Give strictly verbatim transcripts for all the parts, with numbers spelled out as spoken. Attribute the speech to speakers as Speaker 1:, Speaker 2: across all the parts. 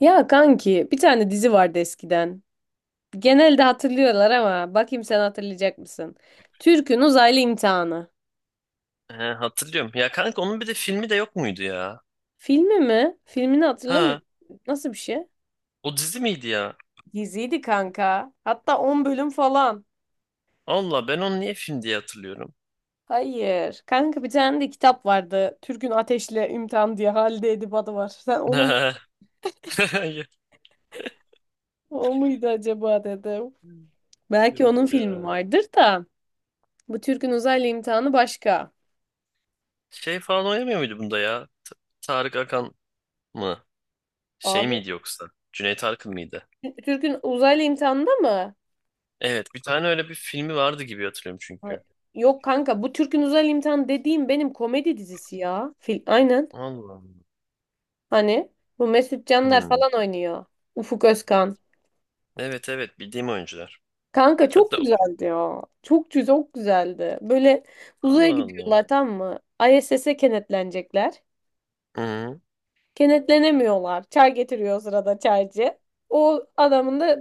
Speaker 1: Ya kanki bir tane dizi vardı eskiden. Genelde hatırlıyorlar ama bakayım sen hatırlayacak mısın? Türk'ün Uzaylı İmtihanı.
Speaker 2: He, hatırlıyorum. Ya kanka onun bir de filmi de yok muydu ya?
Speaker 1: Filmi mi? Filmini
Speaker 2: Ha,
Speaker 1: hatırlamıyorum. Nasıl bir şey?
Speaker 2: o dizi miydi ya?
Speaker 1: Diziydi kanka. Hatta on bölüm falan.
Speaker 2: Allah ben onu niye film diye hatırlıyorum.
Speaker 1: Hayır. Kanka bir tane de kitap vardı. Türk'ün Ateşle İmtihan diye Halide Edip adı var. Sen onu mu? O muydu acaba dedim. Belki
Speaker 2: Yok
Speaker 1: onun
Speaker 2: ya.
Speaker 1: filmi vardır da. Bu Türk'ün Uzaylı İmtihanı başka.
Speaker 2: Şey falan oynamıyor muydu bunda ya? T- Tarık Akan mı? Şey
Speaker 1: Abi
Speaker 2: miydi yoksa? Cüneyt Arkın mıydı?
Speaker 1: Türk'ün Uzaylı İmtihanı'nda mı?
Speaker 2: Evet, bir tane öyle bir filmi vardı gibi hatırlıyorum
Speaker 1: Ha,
Speaker 2: çünkü.
Speaker 1: yok kanka bu Türk'ün Özel imtihanı dediğim benim komedi dizisi ya. Fil, aynen.
Speaker 2: Allah Allah.
Speaker 1: Hani bu Mesut Canlar
Speaker 2: Hmm.
Speaker 1: falan oynuyor. Ufuk Özkan.
Speaker 2: Evet evet bildiğim oyuncular.
Speaker 1: Kanka çok
Speaker 2: Hatta
Speaker 1: güzeldi ya. Çok güzel, çok güzeldi. Böyle uzaya
Speaker 2: Allah Allah.
Speaker 1: gidiyorlar tamam mı? I S S'e kenetlenecekler.
Speaker 2: Hı.
Speaker 1: Kenetlenemiyorlar. Çay getiriyor o sırada çaycı. O adamın da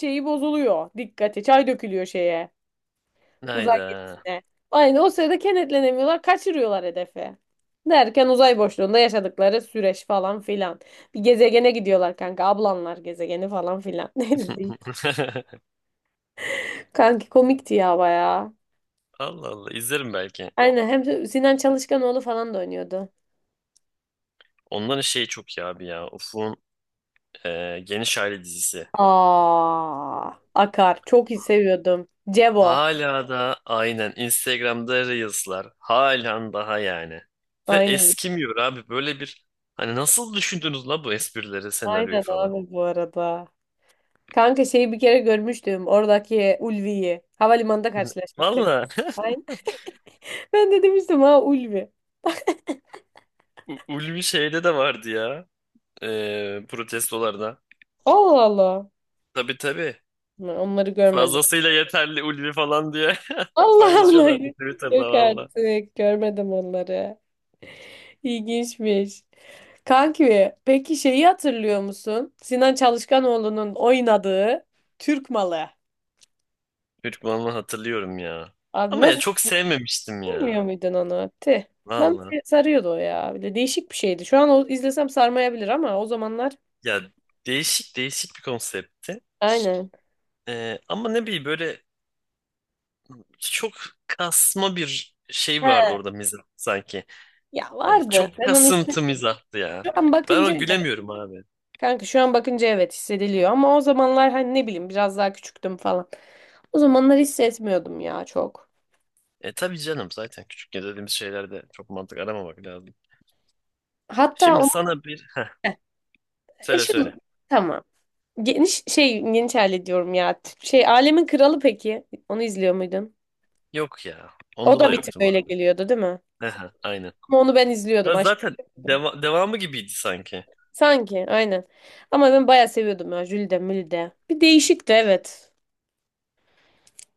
Speaker 1: şeyi bozuluyor. Dikkati. Çay dökülüyor şeye. Uzay
Speaker 2: Hayda.
Speaker 1: gemisine. Aynı o sırada kenetlenemiyorlar, kaçırıyorlar hedefi. Derken uzay boşluğunda yaşadıkları süreç falan filan. Bir gezegene gidiyorlar kanka. Ablanlar gezegeni falan filan. Neydi değil. Kanki komikti ya bayağı.
Speaker 2: Allah Allah izlerim belki.
Speaker 1: Aynen hem de Sinan Çalışkanoğlu falan da oynuyordu.
Speaker 2: Onların şeyi çok iyi abi ya. Ufuk'un e, Geniş Aile dizisi.
Speaker 1: Aa, Akar. Çok iyi seviyordum. Cevo.
Speaker 2: Hala da aynen Instagram'da Reels'lar. Halen daha yani. Ve
Speaker 1: Aynen.
Speaker 2: eskimiyor abi. Böyle bir hani nasıl düşündünüz la bu esprileri, senaryoyu
Speaker 1: Aynen
Speaker 2: falan.
Speaker 1: abi bu arada. Kanka şeyi bir kere görmüştüm. Oradaki Ulvi'yi. Havalimanında karşılaşmıştık.
Speaker 2: Valla.
Speaker 1: Aynen. Ben de demiştim ha Ulvi.
Speaker 2: U- Ulvi şeyde de vardı ya. E, protestolarda.
Speaker 1: Allah Allah.
Speaker 2: Tabii tabii.
Speaker 1: Ben onları görmedim.
Speaker 2: Fazlasıyla yeterli Ulvi falan diye
Speaker 1: Allah Allah.
Speaker 2: paylaşıyorlardı Twitter'da
Speaker 1: Yok
Speaker 2: valla.
Speaker 1: artık. Görmedim onları. İlginçmiş. Kanki, peki şeyi hatırlıyor musun? Sinan Çalışkanoğlu'nun oynadığı Türk Malı.
Speaker 2: Çocukluğumdan hatırlıyorum ya.
Speaker 1: Abi
Speaker 2: Ama ya
Speaker 1: nasıl
Speaker 2: çok sevmemiştim
Speaker 1: bilmiyor
Speaker 2: ya.
Speaker 1: muydun onu? Tih. Ben
Speaker 2: Valla.
Speaker 1: sarıyordu o ya. Bir de değişik bir şeydi. Şu an o izlesem sarmayabilir ama o zamanlar
Speaker 2: Ya değişik değişik bir konseptti.
Speaker 1: aynen.
Speaker 2: Ee, ama ne bileyim böyle çok kasma bir şey
Speaker 1: He.
Speaker 2: vardı orada mizah sanki.
Speaker 1: Ya
Speaker 2: Hani çok
Speaker 1: vardı. Ben onu
Speaker 2: kasıntı mizahtı ya.
Speaker 1: şu an
Speaker 2: Ben
Speaker 1: bakınca
Speaker 2: o
Speaker 1: evet.
Speaker 2: gülemiyorum abi.
Speaker 1: Kanka şu an bakınca evet hissediliyor ama o zamanlar hani ne bileyim biraz daha küçüktüm falan. O zamanlar hissetmiyordum ya çok.
Speaker 2: E tabii canım zaten küçükken dediğimiz şeylerde çok mantık aramamak lazım.
Speaker 1: Hatta
Speaker 2: Şimdi
Speaker 1: onu
Speaker 2: sana bir heh,
Speaker 1: e
Speaker 2: söyle
Speaker 1: şu
Speaker 2: söyle.
Speaker 1: tamam. Geniş şey geniş aile diyorum ya. Şey alemin kralı peki. Onu izliyor muydun?
Speaker 2: Yok ya.
Speaker 1: O
Speaker 2: Onda
Speaker 1: da
Speaker 2: da
Speaker 1: bir tık
Speaker 2: yoktum
Speaker 1: öyle
Speaker 2: abi.
Speaker 1: geliyordu değil mi?
Speaker 2: Heh, aynen.
Speaker 1: Ama onu ben izliyordum.
Speaker 2: Ya
Speaker 1: Aşırı
Speaker 2: zaten
Speaker 1: seviyordum.
Speaker 2: deva- devamı gibiydi sanki.
Speaker 1: Sanki aynen. Ama ben bayağı seviyordum ya. Jülide Mülide. Bir değişikti evet.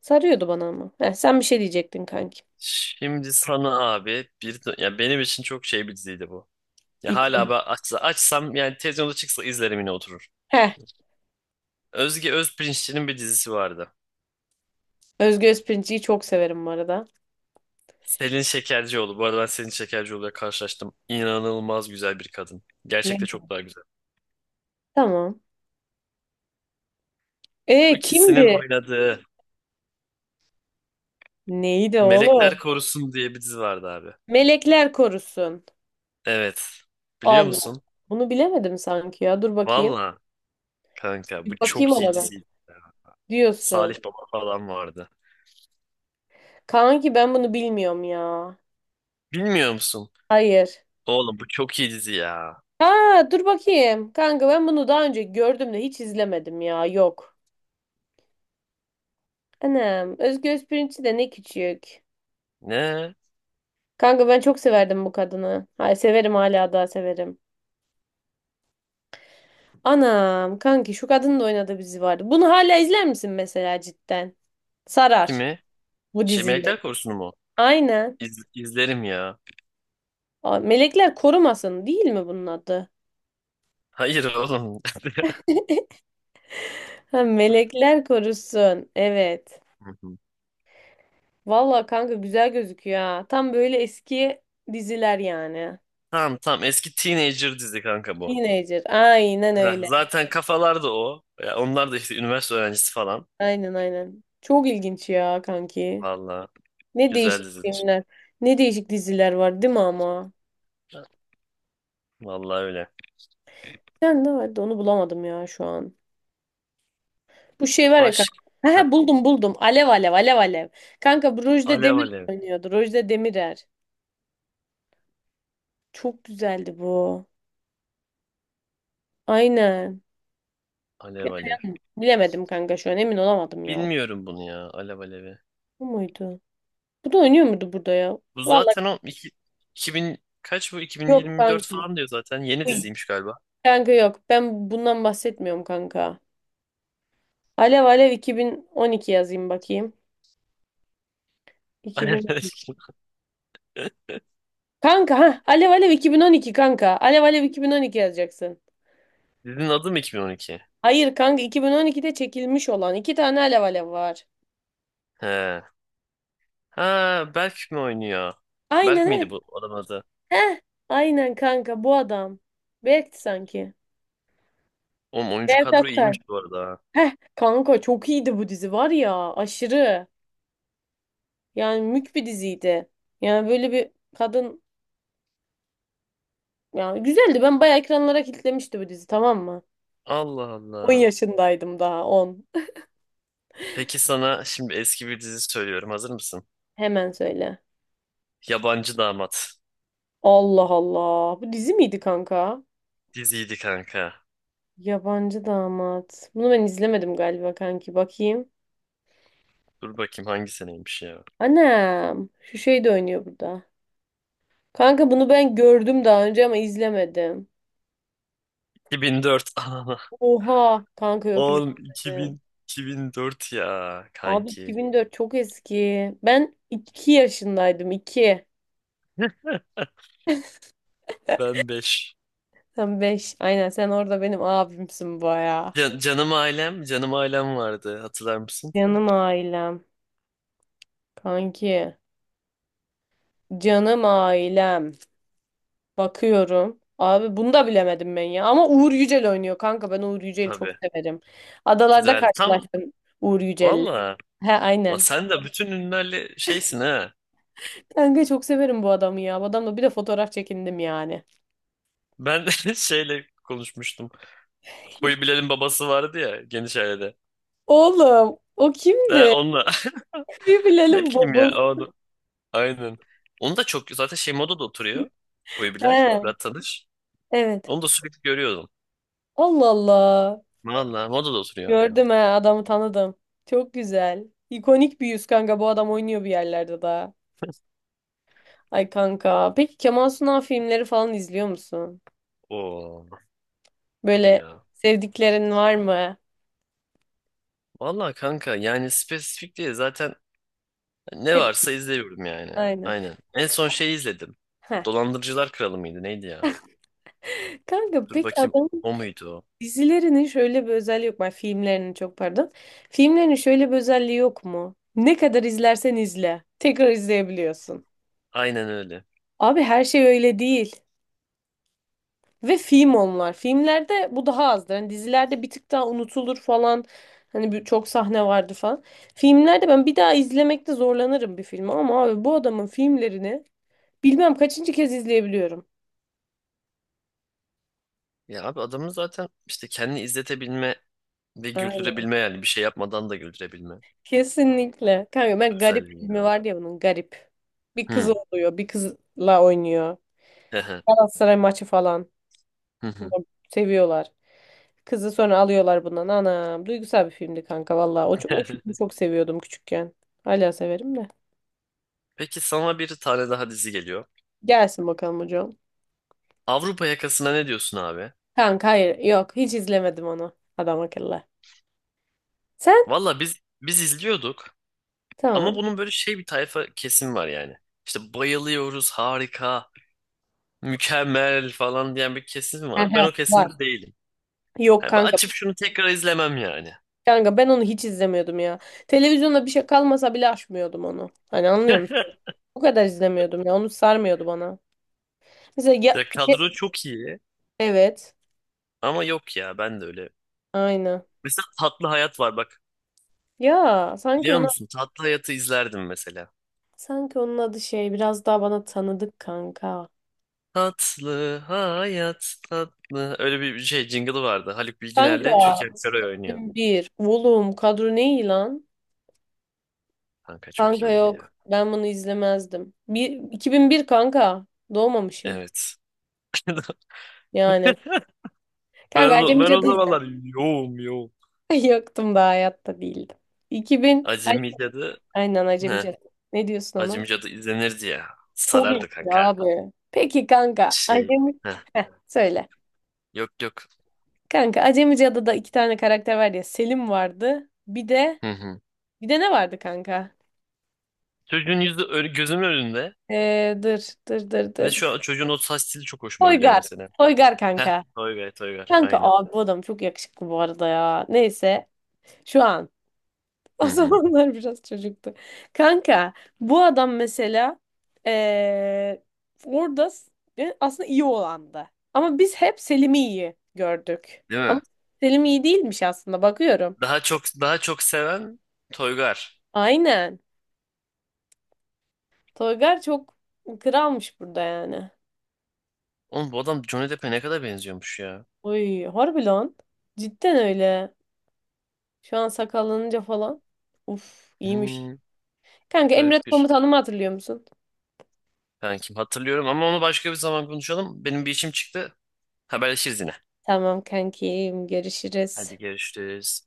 Speaker 1: Sarıyordu bana ama. Heh, sen bir şey diyecektin kanki.
Speaker 2: Şimdi sana abi bir ya benim için çok şey bir diziydi bu. Ya
Speaker 1: İlk
Speaker 2: hala
Speaker 1: önce.
Speaker 2: ben açsa, açsam yani televizyonda çıksa izlerim yine oturur.
Speaker 1: Heh.
Speaker 2: Özge Özpirinççi'nin bir dizisi vardı.
Speaker 1: Özge Özpirinç'i çok severim bu arada.
Speaker 2: Selin Şekercioğlu. Bu arada ben Selin Şekercioğlu'yla karşılaştım. İnanılmaz güzel bir kadın. Gerçekte
Speaker 1: Yani.
Speaker 2: çok daha güzel.
Speaker 1: Tamam.
Speaker 2: Bu
Speaker 1: E
Speaker 2: ikisinin
Speaker 1: kimdi?
Speaker 2: oynadığı
Speaker 1: Neydi
Speaker 2: Melekler
Speaker 1: oğlum?
Speaker 2: Korusun diye bir dizi vardı abi.
Speaker 1: Melekler korusun.
Speaker 2: Evet. Biliyor
Speaker 1: Allah.
Speaker 2: musun?
Speaker 1: Bunu bilemedim sanki ya. Dur bakayım.
Speaker 2: Valla kanka bu
Speaker 1: Bir bakayım
Speaker 2: çok iyi
Speaker 1: ona ben.
Speaker 2: diziydi. Salih
Speaker 1: Diyorsun.
Speaker 2: Baba falan vardı.
Speaker 1: Kanki ben bunu bilmiyorum ya.
Speaker 2: Bilmiyor musun?
Speaker 1: Hayır.
Speaker 2: Oğlum bu çok iyi dizi ya.
Speaker 1: Ha dur bakayım. Kanka ben bunu daha önce gördüm de hiç izlemedim ya. Yok. Anam. Özgür Özpirinççi de ne küçük.
Speaker 2: Ne?
Speaker 1: Kanka ben çok severdim bu kadını. Hayır severim hala daha severim. Anam kanki şu kadının da oynadığı bir dizi vardı. Bunu hala izler misin mesela cidden? Sarar
Speaker 2: Kimi?
Speaker 1: bu
Speaker 2: Şey
Speaker 1: diziyi.
Speaker 2: Melekler Korusu'nu mu?
Speaker 1: Aynen.
Speaker 2: İz, izlerim ya.
Speaker 1: Aa, Melekler Korumasın değil mi bunun adı?
Speaker 2: Hayır oğlum.
Speaker 1: Ha, melekler korusun. Evet.
Speaker 2: Hı hı.
Speaker 1: Valla kanka güzel gözüküyor ha. Tam böyle eski diziler yani.
Speaker 2: Tamam tamam eski teenager dizi kanka bu.
Speaker 1: Teenager. Aynen
Speaker 2: Heh,
Speaker 1: öyle.
Speaker 2: zaten kafalar da o. Ya onlar da işte üniversite öğrencisi falan.
Speaker 1: Aynen aynen. Çok ilginç ya kanki.
Speaker 2: Vallahi
Speaker 1: Ne
Speaker 2: güzel
Speaker 1: değişik
Speaker 2: dizidir.
Speaker 1: filmler. Ne değişik diziler var değil mi ama?
Speaker 2: Vallahi öyle.
Speaker 1: Sen de vardı onu bulamadım ya şu an. Bu şey var ya
Speaker 2: Baş...
Speaker 1: kanka. He he,
Speaker 2: Heh,
Speaker 1: buldum buldum. Alev alev alev alev. Kanka bu Rojde
Speaker 2: Alev
Speaker 1: Demir
Speaker 2: Alev.
Speaker 1: oynuyordu. Rojde Demirer. Çok güzeldi bu. Aynen.
Speaker 2: Alev Alev.
Speaker 1: Bilemedim kanka şu an emin olamadım ya.
Speaker 2: Bilmiyorum bunu ya Alev Alev'i.
Speaker 1: Bu muydu? Bu da oynuyor muydu burada ya?
Speaker 2: Bu
Speaker 1: Vallahi
Speaker 2: zaten o iki, 2000 kaç bu
Speaker 1: yok
Speaker 2: iki bin yirmi dört
Speaker 1: kanki.
Speaker 2: falan diyor zaten. Yeni
Speaker 1: Uy.
Speaker 2: diziymiş galiba.
Speaker 1: Kanka yok. Ben bundan bahsetmiyorum kanka. Alev Alev iki bin on iki yazayım bakayım.
Speaker 2: Alev Alev.
Speaker 1: iki bin on iki. Kanka ha Alev Alev iki bin on iki kanka. Alev Alev iki bin on iki yazacaksın.
Speaker 2: Dizinin adı mı iki bin on iki?
Speaker 1: Hayır kanka iki bin on ikide çekilmiş olan iki tane Alev Alev var.
Speaker 2: He. Ha Berk mi oynuyor? Berk
Speaker 1: Aynen he.
Speaker 2: miydi bu adamın adı?
Speaker 1: Heh. Aynen kanka bu adam. Berk'ti sanki.
Speaker 2: Oğlum oyuncu
Speaker 1: Berk
Speaker 2: kadro
Speaker 1: Aktay.
Speaker 2: iyiymiş bu arada.
Speaker 1: Heh. Kanka çok iyiydi bu dizi var ya aşırı. Yani mük bir diziydi. Yani böyle bir kadın yani güzeldi. Ben bayağı ekranlara kilitlemişti bu dizi tamam mı?
Speaker 2: Allah
Speaker 1: On
Speaker 2: Allah.
Speaker 1: yaşındaydım daha On.
Speaker 2: Peki sana şimdi eski bir dizi söylüyorum. Hazır mısın?
Speaker 1: Hemen söyle.
Speaker 2: Yabancı Damat.
Speaker 1: Allah Allah. Bu dizi miydi kanka?
Speaker 2: Diziydi kanka.
Speaker 1: Yabancı damat. Bunu ben izlemedim galiba kanki. Bakayım.
Speaker 2: Dur bakayım hangi seneymiş ya.
Speaker 1: Anam. Şu şey de oynuyor burada. Kanka bunu ben gördüm daha önce ama izlemedim.
Speaker 2: iki bin dört. Anana.
Speaker 1: Oha. Kanka yok
Speaker 2: Oğlum
Speaker 1: izlemedim.
Speaker 2: iki bin, iki bin dört ya
Speaker 1: Abi
Speaker 2: kanki.
Speaker 1: iki bin dört çok eski. Ben iki yaşındaydım iki.
Speaker 2: Ben beş
Speaker 1: Sen beş. Aynen sen orada benim abimsin baya.
Speaker 2: Canım ailem, canım ailem vardı. Hatırlar mısın?
Speaker 1: Canım ailem. Kanki. Canım ailem. Bakıyorum. Abi bunu da bilemedim ben ya. Ama Uğur Yücel oynuyor kanka. Ben Uğur Yücel'i çok
Speaker 2: Tabii.
Speaker 1: severim. Adalarda
Speaker 2: Güzel. Tam
Speaker 1: karşılaştım Uğur Yücel'le.
Speaker 2: valla.
Speaker 1: He
Speaker 2: Ulan
Speaker 1: aynen.
Speaker 2: sen de bütün ünlülerle şeysin ha.
Speaker 1: Kanka çok severim bu adamı ya. Bu adamla bir de fotoğraf çekindim yani.
Speaker 2: Ben şeyle konuşmuştum. Koyu Bilal'in babası vardı ya geniş ailede.
Speaker 1: Oğlum o
Speaker 2: Ne
Speaker 1: kimdi?
Speaker 2: onunla.
Speaker 1: Bir
Speaker 2: Ne
Speaker 1: bilelim
Speaker 2: bileyim ya
Speaker 1: babam.
Speaker 2: onu. Aynen. Onu da çok zaten şey modada oturuyor. Koyu Bilal,
Speaker 1: He
Speaker 2: Fırat Tanış.
Speaker 1: evet.
Speaker 2: Onu da sürekli görüyordum.
Speaker 1: Allah Allah.
Speaker 2: Valla modada oturuyor.
Speaker 1: Gördüm ha adamı tanıdım. Çok güzel. İkonik bir yüz kanka bu adam oynuyor bir yerlerde daha. Ay kanka. Peki Kemal Sunal filmleri falan izliyor musun?
Speaker 2: Oo tabii
Speaker 1: Böyle
Speaker 2: ya.
Speaker 1: sevdiklerin var mı?
Speaker 2: Valla kanka yani spesifik değil zaten ne
Speaker 1: Hep
Speaker 2: varsa izliyorum yani.
Speaker 1: aynen.
Speaker 2: Aynen. En son şeyi izledim.
Speaker 1: Heh.
Speaker 2: Dolandırıcılar Kralı mıydı neydi ya?
Speaker 1: Kanka
Speaker 2: Dur
Speaker 1: peki
Speaker 2: bakayım
Speaker 1: adamın
Speaker 2: o muydu o?
Speaker 1: dizilerinin şöyle bir özelliği yok mu? Ay, filmlerinin çok pardon. Filmlerinin şöyle bir özelliği yok mu? Ne kadar izlersen izle. Tekrar izleyebiliyorsun.
Speaker 2: Aynen öyle.
Speaker 1: Abi her şey öyle değil. Ve film onlar. Filmlerde bu daha azdır. Hani dizilerde bir tık daha unutulur falan. Hani bir- çok sahne vardı falan. Filmlerde ben bir daha izlemekte zorlanırım bir filmi ama abi bu adamın filmlerini bilmem kaçıncı kez izleyebiliyorum.
Speaker 2: Ya abi adamın zaten işte kendini izletebilme ve
Speaker 1: Aynen.
Speaker 2: güldürebilme yani bir şey yapmadan da güldürebilme
Speaker 1: Kesinlikle. Kanka ben Garip
Speaker 2: özelliği
Speaker 1: filmi
Speaker 2: ya.
Speaker 1: var ya bunun Garip. Bir kız
Speaker 2: Hı.
Speaker 1: oluyor, bir kızla oynuyor. Galatasaray maçı falan.
Speaker 2: Hı hı.
Speaker 1: Bunu seviyorlar. Kızı sonra alıyorlar bundan. Anam duygusal bir filmdi kanka valla. O, ç- o filmi çok seviyordum küçükken. Hala severim de.
Speaker 2: Peki sana bir tane daha dizi geliyor.
Speaker 1: Gelsin bakalım hocam.
Speaker 2: Avrupa Yakası'na ne diyorsun abi?
Speaker 1: Kanka hayır. Yok hiç izlemedim onu. Adam akıllı. Sen?
Speaker 2: Valla biz biz izliyorduk ama
Speaker 1: Tamam.
Speaker 2: bunun böyle şey bir tayfa kesim var yani. İşte bayılıyoruz, harika, mükemmel falan diyen bir kesim var. Ben
Speaker 1: Ehe,
Speaker 2: o kesimde
Speaker 1: var.
Speaker 2: değilim.
Speaker 1: Yok
Speaker 2: Yani ben
Speaker 1: kanka.
Speaker 2: açıp şunu tekrar izlemem yani.
Speaker 1: Kanka ben onu hiç izlemiyordum ya. Televizyonda bir şey kalmasa bile açmıyordum onu. Hani anlıyor musun? O kadar izlemiyordum ya. Onu sarmıyordu bana. Mesela ya...
Speaker 2: Ya
Speaker 1: ya-
Speaker 2: kadro çok iyi
Speaker 1: Evet.
Speaker 2: ama yok ya ben de öyle.
Speaker 1: Aynen.
Speaker 2: Mesela Tatlı Hayat var bak.
Speaker 1: Ya sanki
Speaker 2: Biliyor
Speaker 1: ona
Speaker 2: musun? Tatlı Hayat'ı izlerdim mesela.
Speaker 1: sanki onun adı şey biraz daha bana tanıdık kanka.
Speaker 2: Tatlı hayat tatlı. Öyle bir şey jingle'ı vardı. Haluk Bilginer'le
Speaker 1: Kanka.
Speaker 2: Türkan Şoray oynuyor.
Speaker 1: Bir. Oğlum kadro ne iyi lan?
Speaker 2: Kanka çok
Speaker 1: Kanka
Speaker 2: iyiydi ya.
Speaker 1: yok. Ben bunu izlemezdim. Bir, iki bin bir kanka. Doğmamışım.
Speaker 2: Evet.
Speaker 1: Yani.
Speaker 2: Ben,
Speaker 1: Kanka
Speaker 2: o-
Speaker 1: Acemi
Speaker 2: ben o
Speaker 1: Cadı izle.
Speaker 2: zamanlar yoğum yoğum.
Speaker 1: Yoktum da hayatta değildim. iki bin. Ay,
Speaker 2: Acemi Cadı.
Speaker 1: aynen Acemi
Speaker 2: Heh,
Speaker 1: Cadı. Ne diyorsun ona?
Speaker 2: Acemi Cadı izlenirdi ya.
Speaker 1: Çok iyi
Speaker 2: Sarardı kanka.
Speaker 1: abi. Peki kanka.
Speaker 2: Şey.
Speaker 1: Acemi.
Speaker 2: Heh,
Speaker 1: Heh, söyle.
Speaker 2: yok yok.
Speaker 1: Kanka Acemi Cadı'da iki tane karakter var ya. Selim vardı. Bir de
Speaker 2: Hı hı.
Speaker 1: bir de ne vardı kanka?
Speaker 2: Çocuğun yüzü ö- gözümün önünde.
Speaker 1: Ee, dır dır dır
Speaker 2: Ve
Speaker 1: dır.
Speaker 2: şu an çocuğun o saç stili çok hoşuma gidiyor
Speaker 1: Toygar.
Speaker 2: mesela.
Speaker 1: Toygar
Speaker 2: Heh,
Speaker 1: kanka.
Speaker 2: Toygar Toygar.
Speaker 1: Kanka
Speaker 2: Aynen.
Speaker 1: abi bu adam çok yakışıklı bu arada ya. Neyse. Şu an.
Speaker 2: Hı
Speaker 1: O
Speaker 2: hı.
Speaker 1: zamanlar biraz çocuktu. Kanka bu adam mesela eee, orada s- e, aslında iyi olandı. Ama biz hep Selim'i iyi gördük.
Speaker 2: Değil
Speaker 1: Ama
Speaker 2: mi?
Speaker 1: Selim iyi değilmiş aslında bakıyorum.
Speaker 2: Daha çok daha çok seven Toygar.
Speaker 1: Aynen. Toygar çok kralmış burada yani.
Speaker 2: Oğlum bu adam Johnny Depp'e ne kadar benziyormuş ya.
Speaker 1: Oy harbi lan. Cidden öyle. Şu an sakallanınca falan. Uf iyiymiş.
Speaker 2: Hmm,
Speaker 1: Kanka
Speaker 2: garip
Speaker 1: Emret
Speaker 2: bir.
Speaker 1: komutanımı hatırlıyor musun?
Speaker 2: Ben kim hatırlıyorum ama onu başka bir zaman konuşalım. Benim bir işim çıktı. Haberleşiriz yine.
Speaker 1: Tamam kankim görüşürüz.
Speaker 2: Hadi görüşürüz.